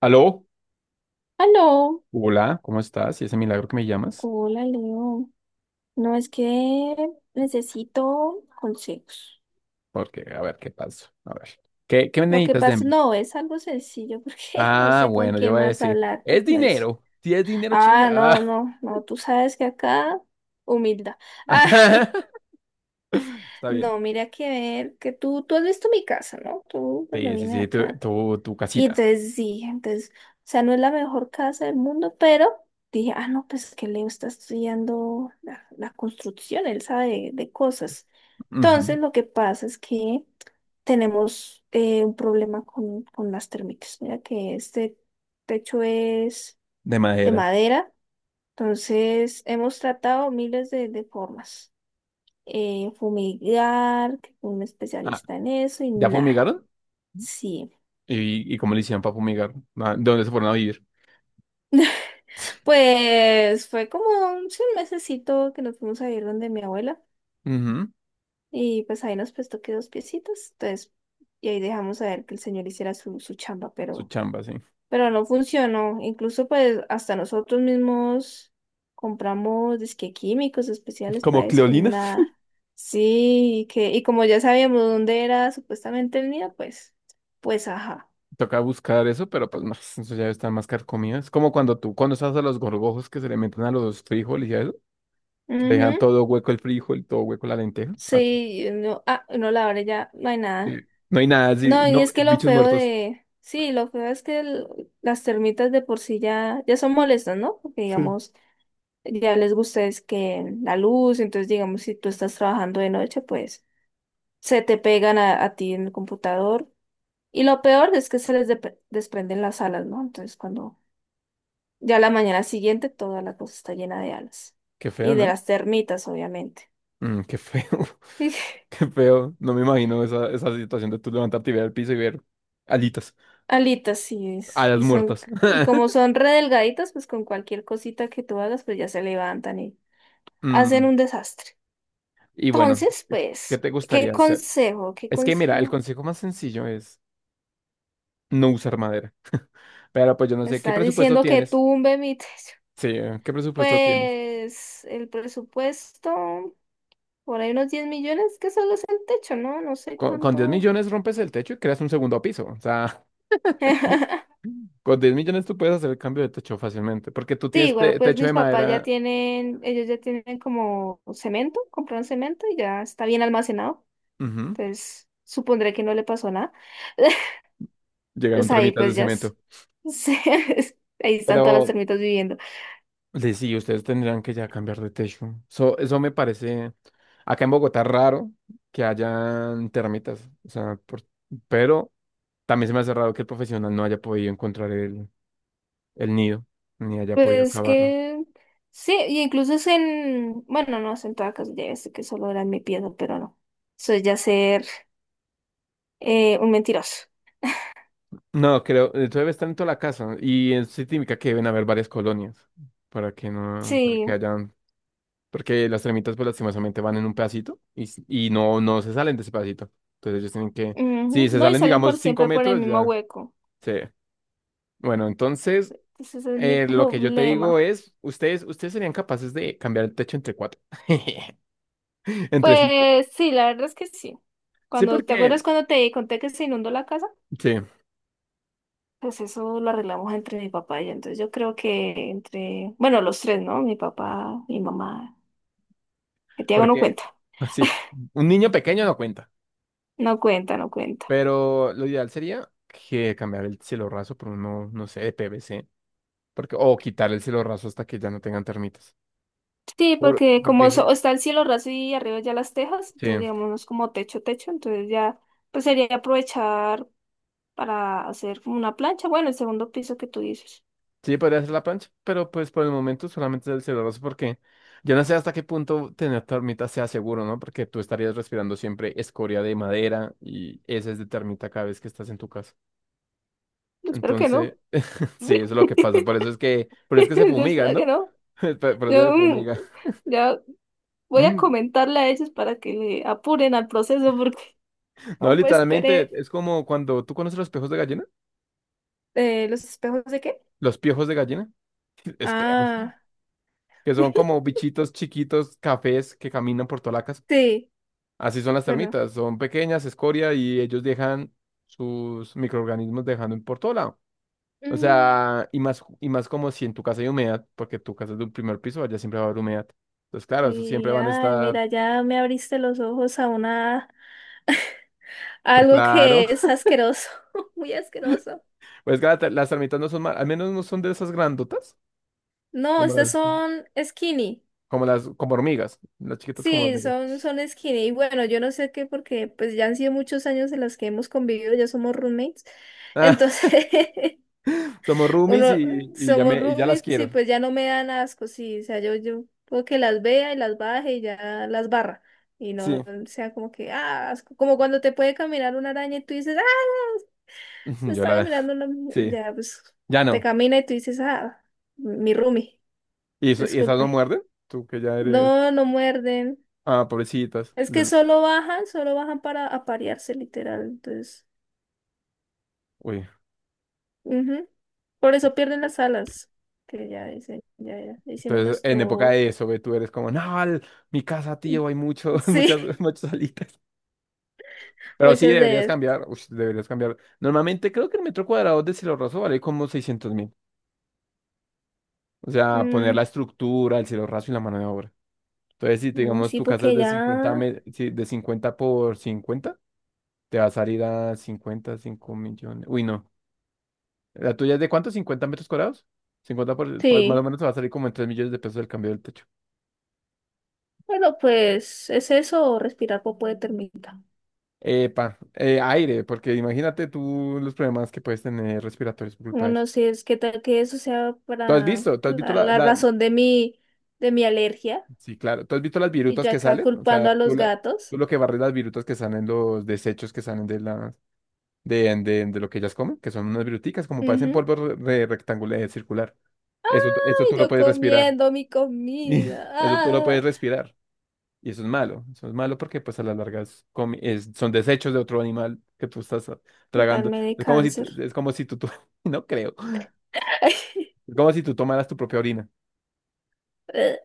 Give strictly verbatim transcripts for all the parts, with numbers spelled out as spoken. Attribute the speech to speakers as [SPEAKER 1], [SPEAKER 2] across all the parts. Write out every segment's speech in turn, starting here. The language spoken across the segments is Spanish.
[SPEAKER 1] Aló,
[SPEAKER 2] Aló,
[SPEAKER 1] hola, ¿cómo estás? Y ese milagro que me llamas,
[SPEAKER 2] hola Leo. No es que necesito consejos.
[SPEAKER 1] porque a ver qué pasa. A ver, ¿qué, qué
[SPEAKER 2] Lo que
[SPEAKER 1] necesitas de
[SPEAKER 2] pasa,
[SPEAKER 1] mí?
[SPEAKER 2] no, es algo sencillo porque no
[SPEAKER 1] Ah,
[SPEAKER 2] sé con
[SPEAKER 1] bueno, yo
[SPEAKER 2] quién
[SPEAKER 1] voy a
[SPEAKER 2] más
[SPEAKER 1] decir,
[SPEAKER 2] hablar. Pues,
[SPEAKER 1] es
[SPEAKER 2] no es.
[SPEAKER 1] dinero. Si es dinero,
[SPEAKER 2] Ah, no,
[SPEAKER 1] chica.
[SPEAKER 2] no, no, tú sabes que acá, humildad. Ah,
[SPEAKER 1] Ah. Está bien.
[SPEAKER 2] no, mira que ver, que tú, tú has visto mi casa, ¿no? Tú cuando
[SPEAKER 1] Sí, sí,
[SPEAKER 2] vine
[SPEAKER 1] sí, tu,
[SPEAKER 2] acá.
[SPEAKER 1] tu, tu
[SPEAKER 2] Y
[SPEAKER 1] casita.
[SPEAKER 2] entonces sí, entonces, o sea, no es la mejor casa del mundo, pero dije, ah, no, pues que Leo está estudiando la, la construcción, él sabe de cosas.
[SPEAKER 1] Ujú.
[SPEAKER 2] Entonces, lo que pasa es que tenemos eh, un problema con, con las térmicas. Mira que este techo es
[SPEAKER 1] De
[SPEAKER 2] de
[SPEAKER 1] madera.
[SPEAKER 2] madera, entonces hemos tratado miles de, de formas. Eh, fumigar, que un
[SPEAKER 1] Ah,
[SPEAKER 2] especialista en eso y
[SPEAKER 1] ¿ya
[SPEAKER 2] nada.
[SPEAKER 1] fumigaron?
[SPEAKER 2] Sí.
[SPEAKER 1] ¿Y, y cómo le hicieron para fumigar? Ah, ¿De dónde se fueron a vivir?
[SPEAKER 2] Pues fue como un, sí, un mesecito que nos fuimos a ir donde mi abuela
[SPEAKER 1] Ujú.
[SPEAKER 2] y pues ahí nos prestó que dos piecitos, entonces y ahí dejamos a ver que el señor hiciera su, su chamba,
[SPEAKER 1] Su
[SPEAKER 2] pero,
[SPEAKER 1] chamba, sí.
[SPEAKER 2] pero no funcionó, incluso pues hasta nosotros mismos compramos disque químicos especiales
[SPEAKER 1] Como
[SPEAKER 2] para eso y
[SPEAKER 1] Cleolina.
[SPEAKER 2] nada, sí, y que, y como ya sabíamos dónde era supuestamente el nido, pues, pues ajá,
[SPEAKER 1] Toca buscar eso, pero pues no, eso ya están más carcomido. Es como cuando tú, cuando estás a los gorgojos que se le meten a los frijoles y a eso. Que le dejan
[SPEAKER 2] ujú.
[SPEAKER 1] todo hueco el frijol, todo hueco la lenteja. Ah,
[SPEAKER 2] Sí, no, ah, no, la hora ya no hay
[SPEAKER 1] sí.
[SPEAKER 2] nada.
[SPEAKER 1] No hay nada así,
[SPEAKER 2] No,
[SPEAKER 1] no,
[SPEAKER 2] y es que lo
[SPEAKER 1] bichos
[SPEAKER 2] feo
[SPEAKER 1] muertos.
[SPEAKER 2] de, sí, lo feo es que el- las termitas de por sí ya, ya son molestas, ¿no? Porque
[SPEAKER 1] Sí.
[SPEAKER 2] digamos, ya les gusta es que la luz, entonces digamos, si tú estás trabajando de noche, pues se te pegan a, a ti en el computador. Y lo peor es que se les dep- desprenden las alas, ¿no? Entonces cuando ya la mañana siguiente toda la cosa está llena de alas.
[SPEAKER 1] Qué feo,
[SPEAKER 2] Y de
[SPEAKER 1] ¿no?
[SPEAKER 2] las termitas, obviamente.
[SPEAKER 1] Mm, qué feo, qué feo. No me imagino esa, esa situación de tú levantarte y ver al piso y ver alitas,
[SPEAKER 2] Alitas, sí es.
[SPEAKER 1] alas
[SPEAKER 2] Y son,
[SPEAKER 1] muertas.
[SPEAKER 2] y como son re delgaditas, pues con cualquier cosita que tú hagas, pues ya se levantan y hacen
[SPEAKER 1] Mm,
[SPEAKER 2] un desastre.
[SPEAKER 1] y bueno,
[SPEAKER 2] Entonces,
[SPEAKER 1] ¿qué
[SPEAKER 2] pues,
[SPEAKER 1] te
[SPEAKER 2] ¿qué
[SPEAKER 1] gustaría hacer?
[SPEAKER 2] consejo? ¿Qué
[SPEAKER 1] Es que mira, el
[SPEAKER 2] consejo?
[SPEAKER 1] consejo más sencillo es no usar madera. Pero pues yo no
[SPEAKER 2] Me
[SPEAKER 1] sé, ¿qué
[SPEAKER 2] estás
[SPEAKER 1] presupuesto
[SPEAKER 2] diciendo que
[SPEAKER 1] tienes?
[SPEAKER 2] tumbe mi techo.
[SPEAKER 1] Sí, ¿qué presupuesto tienes?
[SPEAKER 2] Pues el presupuesto, por ahí unos diez millones, que solo es el techo, ¿no? No sé
[SPEAKER 1] Con, con diez
[SPEAKER 2] cuánto.
[SPEAKER 1] millones rompes el techo y creas un segundo piso. O sea, con diez millones tú puedes hacer el cambio de techo fácilmente, porque tú
[SPEAKER 2] Sí,
[SPEAKER 1] tienes
[SPEAKER 2] igual
[SPEAKER 1] te-
[SPEAKER 2] pues
[SPEAKER 1] techo de
[SPEAKER 2] mis papás ya
[SPEAKER 1] madera.
[SPEAKER 2] tienen, ellos ya tienen como cemento, compraron cemento y ya está bien almacenado.
[SPEAKER 1] Ujú.
[SPEAKER 2] Entonces, supondré que no le pasó nada.
[SPEAKER 1] Llegaron
[SPEAKER 2] Pues ahí
[SPEAKER 1] tramitas de
[SPEAKER 2] pues ya s-
[SPEAKER 1] cemento.
[SPEAKER 2] se- ahí están todas las
[SPEAKER 1] Pero
[SPEAKER 2] termitas viviendo.
[SPEAKER 1] de sí, ustedes tendrían que ya cambiar de techo. So- eso me parece acá en Bogotá raro que hayan termitas. O sea, por- pero también se me hace raro que el profesional no haya podido encontrar el, el nido, ni haya podido
[SPEAKER 2] Pues
[SPEAKER 1] cavarlo.
[SPEAKER 2] que sí, y incluso es en, bueno, no es en toda casa, ya sé que solo era en mi pieza, pero no. Eso es ya ser eh, un mentiroso.
[SPEAKER 1] No, creo, eso debe estar en toda la casa. Y es sí típica que deben haber varias colonias para que no, para
[SPEAKER 2] Sí,
[SPEAKER 1] que haya. Porque las tremitas, pues lastimosamente van en un pedacito y, s- y no, no se salen de ese pedacito. Entonces ellos tienen que, si
[SPEAKER 2] ujú.
[SPEAKER 1] se
[SPEAKER 2] No, y
[SPEAKER 1] salen,
[SPEAKER 2] salen
[SPEAKER 1] digamos,
[SPEAKER 2] por
[SPEAKER 1] cinco
[SPEAKER 2] siempre por el
[SPEAKER 1] metros,
[SPEAKER 2] mismo
[SPEAKER 1] ya
[SPEAKER 2] hueco.
[SPEAKER 1] se. Bueno, entonces,
[SPEAKER 2] Entonces ese es mi
[SPEAKER 1] eh, lo que yo te digo
[SPEAKER 2] problema.
[SPEAKER 1] es, ustedes, ustedes serían capaces de cambiar el techo entre cuatro. Entre sí.
[SPEAKER 2] Pues sí, la verdad es que sí.
[SPEAKER 1] Sí,
[SPEAKER 2] Cuando, ¿te
[SPEAKER 1] porque,
[SPEAKER 2] acuerdas cuando te conté que se inundó la casa?
[SPEAKER 1] sí,
[SPEAKER 2] Pues eso lo arreglamos entre mi papá y yo. Entonces yo creo que entre, bueno, los tres, ¿no? Mi papá, mi mamá. Que Tiago no
[SPEAKER 1] porque,
[SPEAKER 2] cuenta.
[SPEAKER 1] así, un niño pequeño no cuenta.
[SPEAKER 2] No cuenta, no cuenta.
[SPEAKER 1] Pero lo ideal sería que cambiar el cielo raso por uno, no sé, de P V C. Porque, o quitar el cielo raso hasta que ya no tengan termitas.
[SPEAKER 2] Sí,
[SPEAKER 1] Por-
[SPEAKER 2] porque como so-
[SPEAKER 1] porque,
[SPEAKER 2] está el cielo raso y arriba ya las tejas,
[SPEAKER 1] sí.
[SPEAKER 2] entonces digamos como techo, techo, entonces ya pues sería aprovechar para hacer como una plancha. Bueno, el segundo piso que tú dices.
[SPEAKER 1] Sí, podría ser la plancha, pero pues por el momento solamente es el celuloso porque yo no sé hasta qué punto tener termita sea seguro, ¿no? Porque tú estarías respirando siempre escoria de madera y heces de termita cada vez que estás en tu casa.
[SPEAKER 2] Yo espero que
[SPEAKER 1] Entonces,
[SPEAKER 2] no. Yo
[SPEAKER 1] sí, eso es lo que pasa. Por eso es que, por eso es que se fumigan,
[SPEAKER 2] espero que
[SPEAKER 1] ¿no?
[SPEAKER 2] no.
[SPEAKER 1] Por por eso
[SPEAKER 2] Yo
[SPEAKER 1] se
[SPEAKER 2] mm,
[SPEAKER 1] fumiga.
[SPEAKER 2] ya voy a
[SPEAKER 1] Mm.
[SPEAKER 2] comentarle a ellos para que le apuren al proceso porque
[SPEAKER 1] No,
[SPEAKER 2] no me
[SPEAKER 1] literalmente
[SPEAKER 2] esperé.
[SPEAKER 1] es como cuando tú conoces los piojos de gallina,
[SPEAKER 2] Eh, ¿los espejos de qué?
[SPEAKER 1] los piojos de gallina, espejos,
[SPEAKER 2] Ah,
[SPEAKER 1] que son como bichitos chiquitos, cafés que caminan por toda la casa.
[SPEAKER 2] sí,
[SPEAKER 1] Así son las
[SPEAKER 2] bueno.
[SPEAKER 1] termitas, son pequeñas, escoria, y ellos dejan sus microorganismos dejando por todo lado. O
[SPEAKER 2] Mm,
[SPEAKER 1] sea, y más, y más como si en tu casa hay humedad, porque tu casa es de un primer piso, allá siempre va a haber humedad. Entonces, claro, eso siempre
[SPEAKER 2] sí,
[SPEAKER 1] van a
[SPEAKER 2] ay,
[SPEAKER 1] estar.
[SPEAKER 2] mira, ya me abriste los ojos a una, a
[SPEAKER 1] Pues
[SPEAKER 2] algo
[SPEAKER 1] claro,
[SPEAKER 2] que es asqueroso, muy asqueroso.
[SPEAKER 1] pues claro, te- las termitas no son mal, al menos no son de esas grandotas,
[SPEAKER 2] No,
[SPEAKER 1] como
[SPEAKER 2] estas
[SPEAKER 1] las,
[SPEAKER 2] son skinny.
[SPEAKER 1] como las, como hormigas, las chiquitas como
[SPEAKER 2] Sí,
[SPEAKER 1] hormigas.
[SPEAKER 2] son, son skinny. Y bueno, yo no sé qué, porque pues ya han sido muchos años en los que hemos convivido, ya somos roommates.
[SPEAKER 1] Ah,
[SPEAKER 2] Entonces,
[SPEAKER 1] somos roomies
[SPEAKER 2] uno,
[SPEAKER 1] y, y ya
[SPEAKER 2] somos
[SPEAKER 1] me, y ya las
[SPEAKER 2] roomies y
[SPEAKER 1] quiero.
[SPEAKER 2] pues ya no me dan asco, sí, o sea, yo, yo puedo que las vea y las baje y ya las barra. Y no
[SPEAKER 1] Sí,
[SPEAKER 2] sea como que, ah, asco. Como cuando te puede caminar una araña y tú dices, ah, me
[SPEAKER 1] yo
[SPEAKER 2] está
[SPEAKER 1] la,
[SPEAKER 2] caminando una.
[SPEAKER 1] sí,
[SPEAKER 2] Ya, pues
[SPEAKER 1] ya
[SPEAKER 2] te
[SPEAKER 1] no.
[SPEAKER 2] camina y tú dices, ah, mi roomie,
[SPEAKER 1] ¿Y, eso- y esas no
[SPEAKER 2] disculpe.
[SPEAKER 1] muerden? Tú que ya eres.
[SPEAKER 2] No, no muerden.
[SPEAKER 1] Ah, pobrecitas.
[SPEAKER 2] Es que
[SPEAKER 1] Lol.
[SPEAKER 2] solo bajan, solo bajan para aparearse, literal. Entonces,
[SPEAKER 1] Uy.
[SPEAKER 2] ujú. Por eso pierden las alas. Que ya dicen, ya, ya hicimos
[SPEAKER 1] Entonces, en época
[SPEAKER 2] nuestro.
[SPEAKER 1] de eso, ve, tú eres como, no, el- mi casa, tío, hay mucho,
[SPEAKER 2] Sí.
[SPEAKER 1] muchas, muchas alitas. Pero sí,
[SPEAKER 2] Moisés de
[SPEAKER 1] deberías
[SPEAKER 2] él.
[SPEAKER 1] cambiar. Ush, deberías cambiar. Normalmente creo que el metro cuadrado de cielo raso vale como seiscientos mil. O sea, poner
[SPEAKER 2] Mm,
[SPEAKER 1] la estructura, el cielo raso y la mano de obra. Entonces, si
[SPEAKER 2] no,
[SPEAKER 1] digamos
[SPEAKER 2] sí,
[SPEAKER 1] tu casa es
[SPEAKER 2] porque
[SPEAKER 1] de cincuenta
[SPEAKER 2] ya.
[SPEAKER 1] me- sí, de cincuenta por cincuenta, te va a salir a cincuenta cinco millones. Uy, no. ¿La tuya es de cuánto? ¿Cincuenta metros cuadrados? Cincuenta por, pues más o
[SPEAKER 2] Sí.
[SPEAKER 1] menos te va a salir como en tres millones de pesos el cambio del techo.
[SPEAKER 2] Bueno, pues es eso, o respirar popo de termita.
[SPEAKER 1] Epa, eh, aire, porque imagínate tú los problemas que puedes tener respiratorios por culpa de eso.
[SPEAKER 2] Bueno, si es que tal que eso sea
[SPEAKER 1] ¿Tú has
[SPEAKER 2] para
[SPEAKER 1] visto? ¿Tú has visto
[SPEAKER 2] la,
[SPEAKER 1] la,
[SPEAKER 2] la
[SPEAKER 1] la-
[SPEAKER 2] razón de mi, de mi alergia.
[SPEAKER 1] Sí, claro. ¿Tú has visto las
[SPEAKER 2] Y
[SPEAKER 1] virutas
[SPEAKER 2] yo
[SPEAKER 1] que
[SPEAKER 2] acá
[SPEAKER 1] salen? O sea,
[SPEAKER 2] culpando a
[SPEAKER 1] tú,
[SPEAKER 2] los
[SPEAKER 1] la- tú
[SPEAKER 2] gatos.
[SPEAKER 1] lo que barres las virutas que salen, los desechos que salen de las de, de, de, lo que ellas comen, que son unas viruticas, como parecen
[SPEAKER 2] Ujú.
[SPEAKER 1] polvo re- re- rectangular, eh, circular. Eso, eso tú
[SPEAKER 2] Y
[SPEAKER 1] lo
[SPEAKER 2] yo
[SPEAKER 1] puedes respirar.
[SPEAKER 2] comiendo mi comida.
[SPEAKER 1] Eso tú lo puedes
[SPEAKER 2] Ah,
[SPEAKER 1] respirar. Y eso es malo. Eso es malo porque pues a la larga es comi- es- son desechos de otro animal que tú estás ah,
[SPEAKER 2] ¿qué tal
[SPEAKER 1] tragando.
[SPEAKER 2] me dé
[SPEAKER 1] Es como si, tú-
[SPEAKER 2] cáncer?
[SPEAKER 1] es como si tú, tú- No creo. Es como si tú tomaras tu propia orina.
[SPEAKER 2] Eh,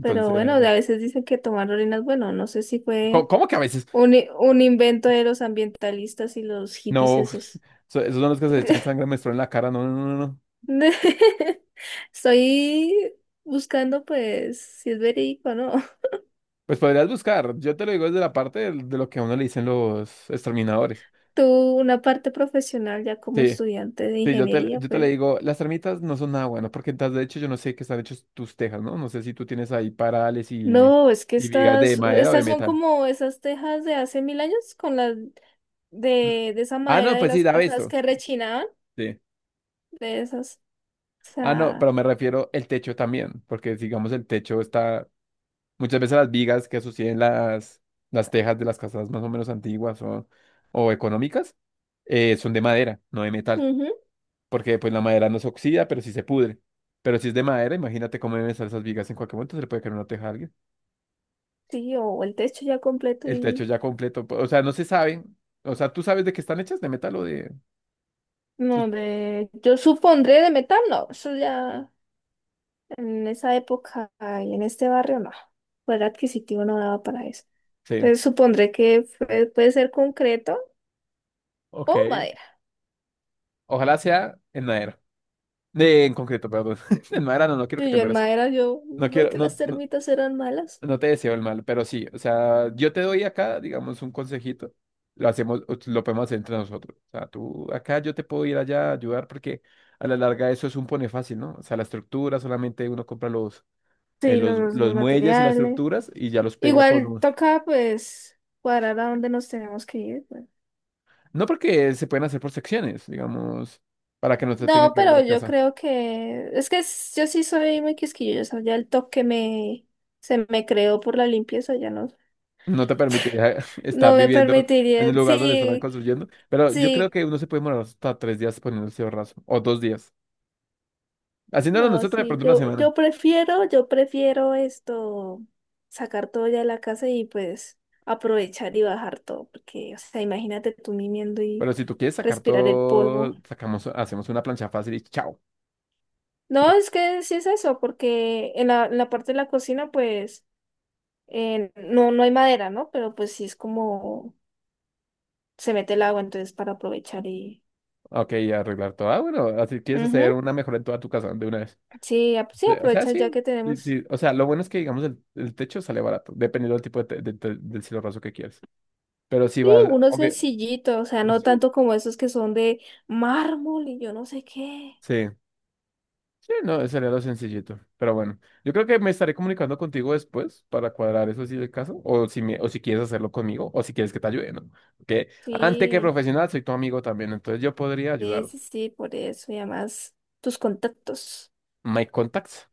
[SPEAKER 2] Pero bueno, a veces dicen que tomar orina es bueno. No sé si
[SPEAKER 1] ¿cómo,
[SPEAKER 2] fue
[SPEAKER 1] cómo que a veces?
[SPEAKER 2] un, i- un invento de los ambientalistas y los hippies
[SPEAKER 1] No,
[SPEAKER 2] esos.
[SPEAKER 1] so- esos son los que se echan sangre menstrual en la cara. No, no, no, no. No.
[SPEAKER 2] Estoy buscando, pues, si es verídico o no.
[SPEAKER 1] Pues podrías buscar. Yo te lo digo desde la parte del- de, lo que a uno le dicen los exterminadores.
[SPEAKER 2] Tú, una parte profesional ya como
[SPEAKER 1] Sí,
[SPEAKER 2] estudiante de
[SPEAKER 1] sí, yo te,
[SPEAKER 2] ingeniería,
[SPEAKER 1] yo te le
[SPEAKER 2] pues.
[SPEAKER 1] digo, las termitas no son nada bueno, porque entonces, de hecho yo no sé qué están hechos tus tejas, ¿no? No sé si tú tienes ahí parales y,
[SPEAKER 2] No, es que
[SPEAKER 1] y vigas de
[SPEAKER 2] estas,
[SPEAKER 1] madera o de
[SPEAKER 2] estas son
[SPEAKER 1] metal.
[SPEAKER 2] como esas tejas de hace mil años con las de, de esa
[SPEAKER 1] Ah,
[SPEAKER 2] madera
[SPEAKER 1] no,
[SPEAKER 2] de
[SPEAKER 1] pues sí,
[SPEAKER 2] las
[SPEAKER 1] daba
[SPEAKER 2] casas
[SPEAKER 1] esto.
[SPEAKER 2] que rechinaban,
[SPEAKER 1] Sí.
[SPEAKER 2] de esas. O
[SPEAKER 1] Ah, no, pero
[SPEAKER 2] sea,
[SPEAKER 1] me refiero el techo también, porque digamos el techo está. Muchas veces las vigas que asocian las, las tejas de las casas más o menos antiguas o, o económicas, eh, son de madera, no de metal,
[SPEAKER 2] ujú,
[SPEAKER 1] porque pues la madera no se oxida, pero sí se pudre. Pero si es de madera, imagínate cómo deben estar esas vigas, en cualquier momento se le puede caer una teja a alguien.
[SPEAKER 2] sí, o el techo ya completo
[SPEAKER 1] El techo
[SPEAKER 2] y.
[SPEAKER 1] ya completo, po- o sea, no se sabe, o sea, tú sabes de qué están hechas, de metal o de... su-
[SPEAKER 2] No, de. Yo supondré de metal, no, eso ya. En esa época y en este barrio no, poder adquisitivo no daba para eso.
[SPEAKER 1] Sí,
[SPEAKER 2] Entonces supondré que fue- puede ser concreto
[SPEAKER 1] ok.
[SPEAKER 2] o madera.
[SPEAKER 1] Ojalá sea en madera. De, en concreto, perdón. En madera no, no quiero que
[SPEAKER 2] Y
[SPEAKER 1] te
[SPEAKER 2] yo en
[SPEAKER 1] mueras.
[SPEAKER 2] madera, yo,
[SPEAKER 1] No
[SPEAKER 2] no
[SPEAKER 1] quiero,
[SPEAKER 2] que las
[SPEAKER 1] no, no.
[SPEAKER 2] termitas eran malas.
[SPEAKER 1] No te deseo el mal, pero sí, o sea, yo te doy acá, digamos, un consejito. Lo hacemos, lo podemos hacer entre nosotros. O sea, tú acá, yo te puedo ir allá a ayudar porque a la larga eso es un pone fácil, ¿no? O sea, la estructura, solamente uno compra los, eh,
[SPEAKER 2] Sí,
[SPEAKER 1] los,
[SPEAKER 2] los,
[SPEAKER 1] los
[SPEAKER 2] los
[SPEAKER 1] muelles y las
[SPEAKER 2] materiales.
[SPEAKER 1] estructuras y ya los pega con
[SPEAKER 2] Igual
[SPEAKER 1] un...
[SPEAKER 2] toca pues cuadrar a dónde nos tenemos que ir. Bueno.
[SPEAKER 1] No porque se pueden hacer por secciones, digamos, para que no se tengan
[SPEAKER 2] No,
[SPEAKER 1] que ir de
[SPEAKER 2] pero
[SPEAKER 1] la
[SPEAKER 2] yo
[SPEAKER 1] casa.
[SPEAKER 2] creo que es que s- yo sí soy muy quisquillosa. Ya el toque me se me creó por la limpieza, ya no,
[SPEAKER 1] No te permite eh, estar
[SPEAKER 2] no me
[SPEAKER 1] viviendo en el
[SPEAKER 2] permitiría.
[SPEAKER 1] lugar donde están
[SPEAKER 2] Sí,
[SPEAKER 1] construyendo, pero yo creo
[SPEAKER 2] sí.
[SPEAKER 1] que uno se puede morar hasta tres días poniendo ese raso, o dos días. Haciéndolo
[SPEAKER 2] No,
[SPEAKER 1] nosotros, de
[SPEAKER 2] sí,
[SPEAKER 1] pronto una
[SPEAKER 2] yo,
[SPEAKER 1] semana.
[SPEAKER 2] yo prefiero, yo prefiero esto, sacar todo ya de la casa y pues aprovechar y bajar todo, porque, o sea, imagínate tú mimiendo y
[SPEAKER 1] Pero si tú quieres sacar
[SPEAKER 2] respirar el polvo.
[SPEAKER 1] todo, sacamos, hacemos una plancha fácil y chao.
[SPEAKER 2] No,
[SPEAKER 1] pla-
[SPEAKER 2] es que sí es eso, porque en la, en la parte de la cocina, pues, eh, no, no hay madera, ¿no? Pero pues sí es como se mete el agua, entonces para aprovechar y.
[SPEAKER 1] Ok, y arreglar todo. Ah, bueno, así quieres
[SPEAKER 2] Ujú.
[SPEAKER 1] hacer una mejora en toda tu casa de una vez.
[SPEAKER 2] Sí, ap- sí,
[SPEAKER 1] De- O sea,
[SPEAKER 2] aprovechas
[SPEAKER 1] sí.
[SPEAKER 2] ya que
[SPEAKER 1] Sí,
[SPEAKER 2] tenemos.
[SPEAKER 1] sí, o sea, lo bueno es que, digamos, el, el techo sale barato, dependiendo del tipo de, te- de te- del cielo raso que quieres. Pero si
[SPEAKER 2] Sí,
[SPEAKER 1] vas,
[SPEAKER 2] uno
[SPEAKER 1] obvio,
[SPEAKER 2] sencillito, o sea,
[SPEAKER 1] no
[SPEAKER 2] no
[SPEAKER 1] sé.
[SPEAKER 2] tanto como esos que son de mármol y yo no sé qué.
[SPEAKER 1] Sí. Sí, no, sería lo sencillito. Pero bueno, yo creo que me estaré comunicando contigo después para cuadrar eso si es el caso, o si me, o si quieres hacerlo conmigo, o si quieres que te ayude, ¿no? Porque antes que
[SPEAKER 2] Sí,
[SPEAKER 1] profesional soy tu amigo también, entonces yo podría
[SPEAKER 2] sí,
[SPEAKER 1] ayudar.
[SPEAKER 2] sí, sí, por eso. Y además, tus contactos.
[SPEAKER 1] My contacts.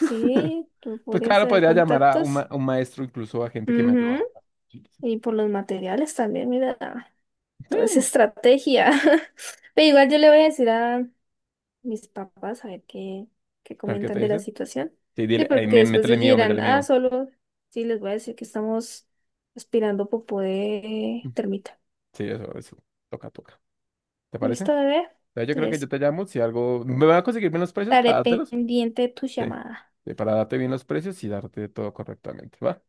[SPEAKER 2] tú
[SPEAKER 1] Pues
[SPEAKER 2] podrías
[SPEAKER 1] claro,
[SPEAKER 2] tener
[SPEAKER 1] podría llamar a un,
[SPEAKER 2] contactos.
[SPEAKER 1] ma- un maestro, incluso a gente que me
[SPEAKER 2] Ujú.
[SPEAKER 1] ayuda. Sí,
[SPEAKER 2] Y por los materiales también, mira, toda esa estrategia. Pero igual yo le voy a decir a mis papás a ver qué, qué,
[SPEAKER 1] a qué te
[SPEAKER 2] comentan de la
[SPEAKER 1] dicen.
[SPEAKER 2] situación.
[SPEAKER 1] Sí,
[SPEAKER 2] Sí,
[SPEAKER 1] dile, "Ey,
[SPEAKER 2] porque
[SPEAKER 1] me-
[SPEAKER 2] después
[SPEAKER 1] métele
[SPEAKER 2] ellos
[SPEAKER 1] miedo,
[SPEAKER 2] dirán,
[SPEAKER 1] métele
[SPEAKER 2] ah,
[SPEAKER 1] miedo".
[SPEAKER 2] solo, sí, les voy a decir que estamos aspirando popó de termita.
[SPEAKER 1] Sí, eso, eso. Toca, toca. ¿Te parece?
[SPEAKER 2] ¿Listo, bebé?
[SPEAKER 1] Ya, yo creo que yo
[SPEAKER 2] Entonces,
[SPEAKER 1] te llamo si algo. Me van a conseguir menos precios
[SPEAKER 2] estaré
[SPEAKER 1] para dártelos.
[SPEAKER 2] pendiente de tu
[SPEAKER 1] Sí,
[SPEAKER 2] llamada.
[SPEAKER 1] sí, para darte bien los precios y darte todo correctamente, ¿va?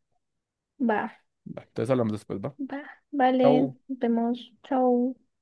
[SPEAKER 2] Va,
[SPEAKER 1] Va, entonces hablamos después, ¿va?
[SPEAKER 2] va, vale,
[SPEAKER 1] Chau.
[SPEAKER 2] nos vemos, chao.